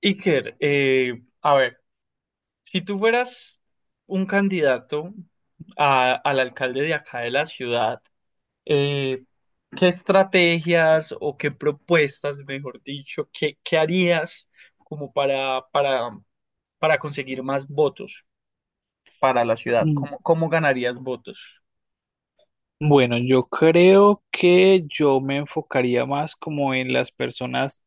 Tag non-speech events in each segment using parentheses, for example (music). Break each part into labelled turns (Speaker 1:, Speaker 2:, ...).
Speaker 1: Iker, a ver, si tú fueras un candidato al alcalde de acá de la ciudad, eh, ¿qué estrategias o qué propuestas, mejor dicho, qué harías como para conseguir más votos para la ciudad?
Speaker 2: Mm,
Speaker 1: ¿Cómo, cómo ganarías votos?
Speaker 2: Bueno, yo creo que yo me enfocaría más como en las personas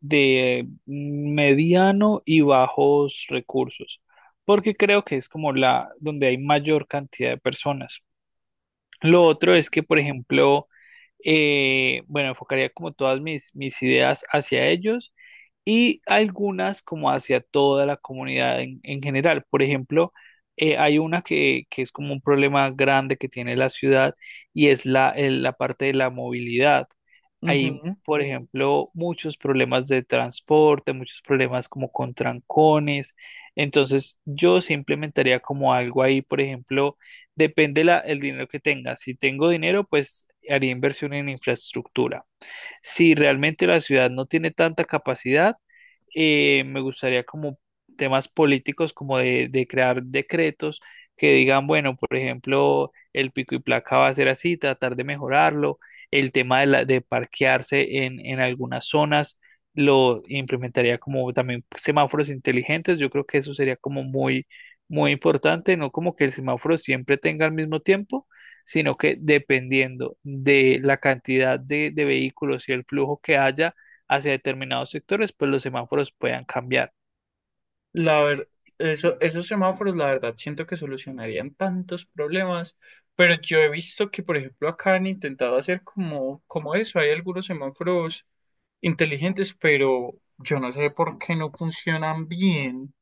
Speaker 2: de mediano y bajos recursos, porque creo que es como la donde hay mayor cantidad de personas. Lo otro es que, por ejemplo, bueno, enfocaría como todas mis ideas hacia ellos y algunas como hacia toda la comunidad en general. Por ejemplo, hay una que es como un problema grande que tiene la ciudad y es la parte de la movilidad. Hay, por ejemplo, muchos problemas de transporte, muchos problemas como con trancones. Entonces, yo se implementaría como algo ahí, por ejemplo, depende el dinero que tenga. Si tengo dinero, pues haría inversión en infraestructura. Si realmente la ciudad no tiene tanta capacidad, me gustaría como temas políticos, como de crear decretos que digan, bueno, por ejemplo, el pico y placa va a ser así, tratar de mejorarlo, el tema de parquearse en algunas zonas, lo implementaría como también semáforos inteligentes, yo creo que eso sería como muy importante, no como que el semáforo siempre tenga el mismo tiempo sino que dependiendo de la cantidad de vehículos y el flujo que haya hacia determinados sectores, pues los semáforos puedan cambiar.
Speaker 1: La verdad, esos semáforos, la verdad, siento que solucionarían tantos problemas, pero yo he visto que, por ejemplo, acá han intentado hacer como eso. Hay algunos semáforos inteligentes, pero yo no sé por qué no funcionan bien.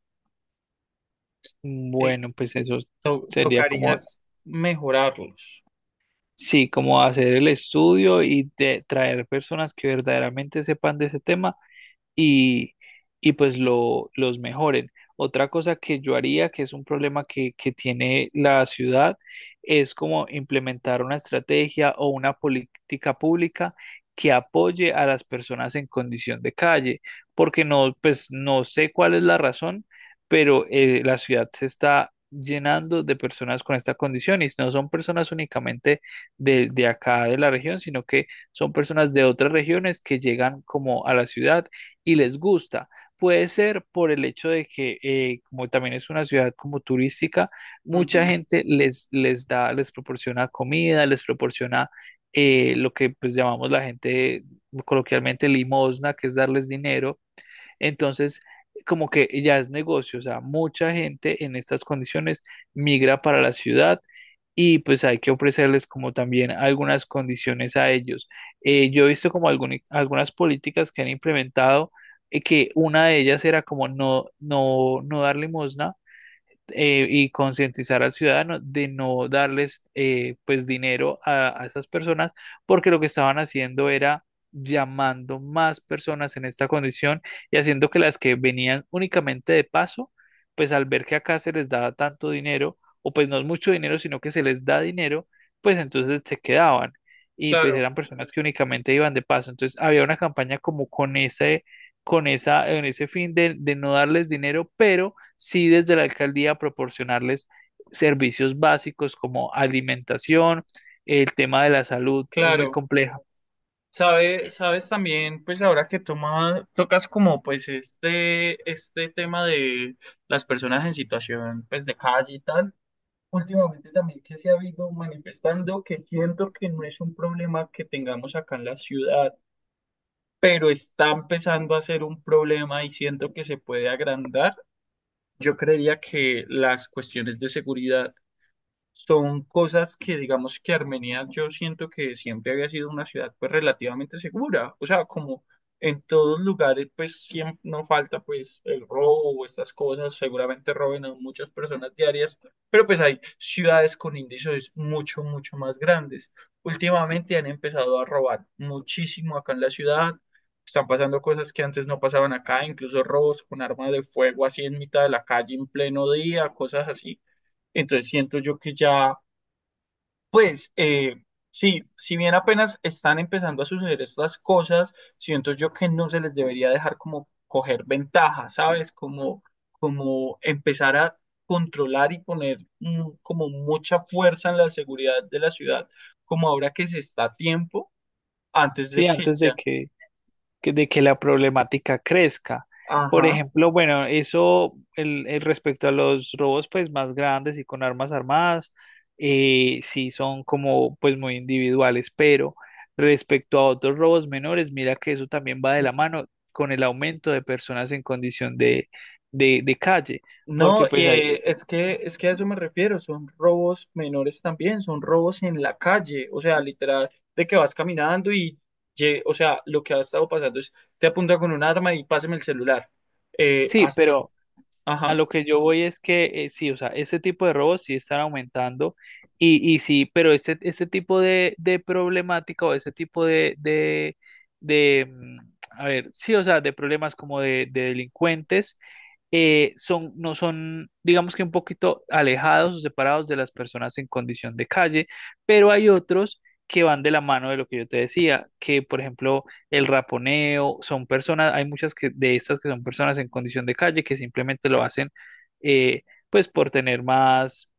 Speaker 1: Eh,
Speaker 2: Bueno, pues eso sería
Speaker 1: Tocaría
Speaker 2: como,
Speaker 1: mejorarlos.
Speaker 2: sí, como hacer el estudio y traer personas que verdaderamente sepan de ese tema y, y pues los mejoren. Otra cosa que yo haría, que es un problema que tiene la ciudad, es como implementar una estrategia o una política pública que apoye a las personas en condición de calle, porque no, pues no sé cuál es la razón, pero la ciudad se está llenando de personas con esta condición y no son personas únicamente de acá de la región, sino que son personas de otras regiones que llegan como a la ciudad y les gusta. Puede ser por el hecho de que, como también es una ciudad como turística, mucha
Speaker 1: Ujú.
Speaker 2: gente les da, les proporciona comida, les proporciona lo que pues llamamos la gente coloquialmente limosna, que es darles dinero entonces, como que ya es negocio, o sea, mucha gente en estas condiciones migra para la ciudad y pues hay que ofrecerles como también algunas condiciones a ellos. Yo he visto como algunas políticas que han implementado que una de ellas era como no dar limosna y concientizar al ciudadano de no darles pues dinero a esas personas porque lo que estaban haciendo era llamando más personas en esta condición y haciendo que las que venían únicamente de paso, pues al ver que acá se les daba tanto dinero, o pues no es mucho dinero, sino que se les da dinero, pues entonces se quedaban y pues
Speaker 1: Claro,
Speaker 2: eran personas que únicamente iban de paso. Entonces había una campaña como con en ese fin de no darles dinero, pero sí desde la alcaldía proporcionarles servicios básicos como alimentación, el tema de la salud es muy
Speaker 1: claro.
Speaker 2: complejo.
Speaker 1: Sabes también, pues ahora que tocas como pues este tema de las personas en situación pues de calle y tal. Últimamente también que se ha habido manifestando que siento que no es un problema que tengamos acá en la ciudad, pero está empezando a ser un problema y siento que se puede agrandar. Yo creería que las cuestiones de seguridad son cosas que digamos que Armenia yo siento que siempre había sido una ciudad pues relativamente segura, o sea, como en todos lugares pues siempre no falta pues el robo o estas cosas, seguramente roben a muchas personas diarias, pero pues hay ciudades con índices mucho, mucho más grandes. Últimamente han empezado a robar muchísimo acá en la ciudad. Están pasando cosas que antes no pasaban acá, incluso robos con armas de fuego así en mitad de la calle en pleno día, cosas así. Entonces siento yo que ya pues sí, si bien apenas están empezando a suceder estas cosas, siento yo que no se les debería dejar como coger ventaja, ¿sabes? Como, como empezar a controlar y poner como mucha fuerza en la seguridad de la ciudad, como ahora que se está a tiempo, antes de
Speaker 2: Sí,
Speaker 1: que
Speaker 2: antes de
Speaker 1: ya,
Speaker 2: que de que la problemática crezca. Por
Speaker 1: ajá.
Speaker 2: ejemplo, bueno, eso el respecto a los robos pues más grandes y con armas armadas, sí son como pues muy individuales, pero respecto a otros robos menores, mira que eso también va de la mano con el aumento de personas en condición de calle,
Speaker 1: No,
Speaker 2: porque pues hay,
Speaker 1: es que a eso me refiero, son robos menores también, son robos en la calle, o sea, literal, de que vas caminando o sea, lo que ha estado pasando es, te apunta con un arma y pásame el celular. Eh,
Speaker 2: sí,
Speaker 1: hasta,
Speaker 2: pero... A
Speaker 1: ajá,
Speaker 2: lo que yo voy es que sí, o sea, este tipo de robos sí están aumentando y sí, pero este tipo de problemática o este tipo a ver, sí, o sea, de problemas como de delincuentes no son, digamos que un poquito alejados o separados de las personas en condición de calle, pero hay otros que van de la mano de lo que yo te decía, que por ejemplo el raponeo, son personas, hay muchas que, de estas que son personas en condición de calle que simplemente lo hacen eh, pues por tener más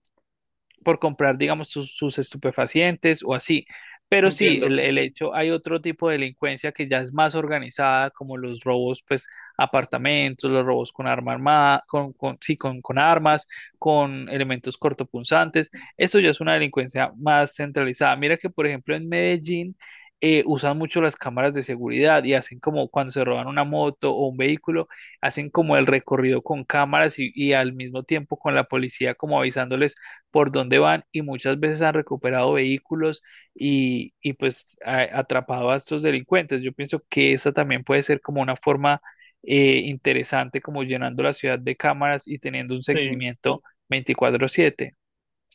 Speaker 2: por comprar, digamos, sus estupefacientes o así. Pero sí,
Speaker 1: entiendo.
Speaker 2: el hecho, hay otro tipo de delincuencia que ya es más organizada, como los robos, pues, a apartamentos, los robos con arma armada, con armas, con elementos cortopunzantes. Eso ya es una delincuencia más centralizada. Mira que, por ejemplo, en Medellín usan mucho las cámaras de seguridad y hacen como cuando se roban una moto o un vehículo, hacen como el recorrido con cámaras y al mismo tiempo con la policía como avisándoles, por dónde van y muchas veces han recuperado vehículos y pues atrapado a estos delincuentes. Yo pienso que esa también puede ser como una forma interesante, como llenando la ciudad de cámaras y teniendo un
Speaker 1: Sí.
Speaker 2: seguimiento 24/7.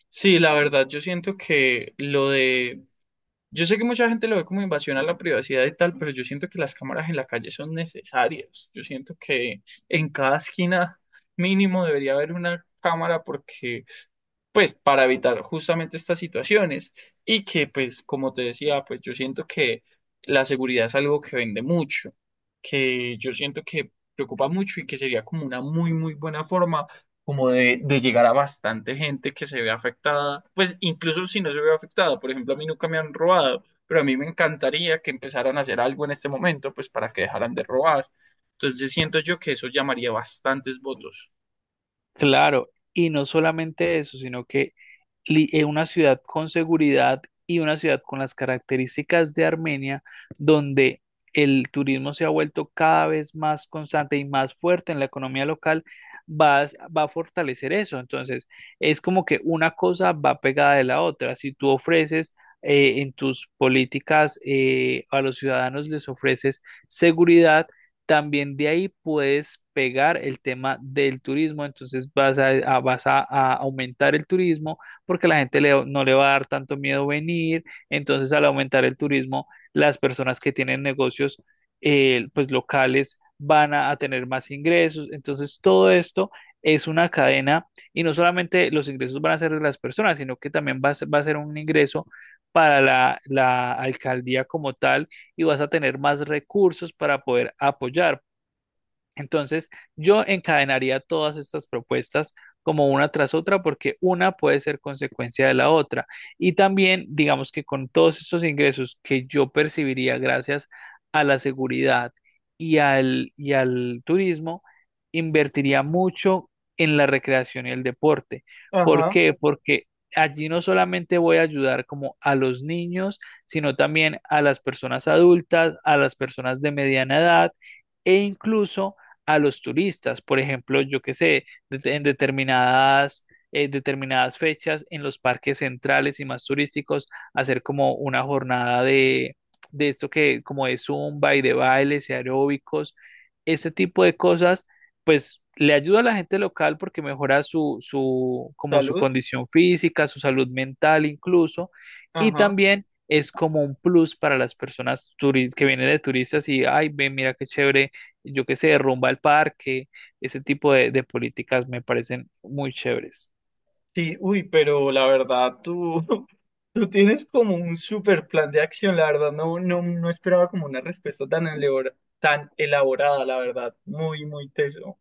Speaker 1: Sí, la verdad, yo siento que lo de, yo sé que mucha gente lo ve como invasión a la privacidad y tal, pero yo siento que las cámaras en la calle son necesarias. Yo siento que en cada esquina mínimo debería haber una cámara porque pues para evitar justamente estas situaciones y que pues como te decía, pues yo siento que la seguridad es algo que vende mucho, que yo siento que preocupa mucho y que sería como una muy muy buena forma como de llegar a bastante gente que se ve afectada, pues incluso si no se ve afectada, por ejemplo, a mí nunca me han robado, pero a mí me encantaría que empezaran a hacer algo en este momento, pues para que dejaran de robar. Entonces siento yo que eso llamaría bastantes votos.
Speaker 2: Claro, y no solamente eso, sino que una ciudad con seguridad y una ciudad con las características de Armenia, donde el turismo se ha vuelto cada vez más constante y más fuerte en la economía local, va a, va a fortalecer eso. Entonces, es como que una cosa va pegada de la otra. Si tú ofreces... en tus políticas a los ciudadanos les ofreces seguridad, también de ahí puedes pegar el tema del turismo, entonces vas a aumentar el turismo, porque la gente no le va a dar tanto miedo venir. Entonces, al aumentar el turismo, las personas que tienen negocios pues locales van a tener más ingresos. Entonces, todo esto es una cadena y no solamente los ingresos van a ser de las personas, sino que también va a ser un ingreso para la alcaldía como tal y vas a tener más recursos para poder apoyar. Entonces, yo encadenaría todas estas propuestas como una tras otra porque una puede ser consecuencia de la otra. Y también, digamos que con todos estos ingresos que yo percibiría gracias a la seguridad y al turismo, invertiría mucho en la recreación y el deporte. ¿Por
Speaker 1: Ajá,
Speaker 2: qué? Porque allí no solamente voy a ayudar como a los niños, sino también a las personas adultas, a las personas de mediana edad e incluso a los turistas. Por ejemplo, yo qué sé, determinadas fechas en los parques centrales y más turísticos, hacer como una jornada de esto que como de zumba y de bailes y aeróbicos, este tipo de cosas, pues le ayuda a la gente local porque mejora como su
Speaker 1: salud.
Speaker 2: condición física, su salud mental incluso, y
Speaker 1: Ajá.
Speaker 2: también es como un plus para las personas que vienen de turistas y, ay, ven, mira qué chévere yo qué sé, rumba al parque, ese tipo de políticas me parecen muy chéveres.
Speaker 1: Sí, uy, pero la verdad, tú, (laughs) tú tienes como un super plan de acción, la verdad, no, no, no esperaba como una respuesta tan elaborada, la verdad, muy, muy teso.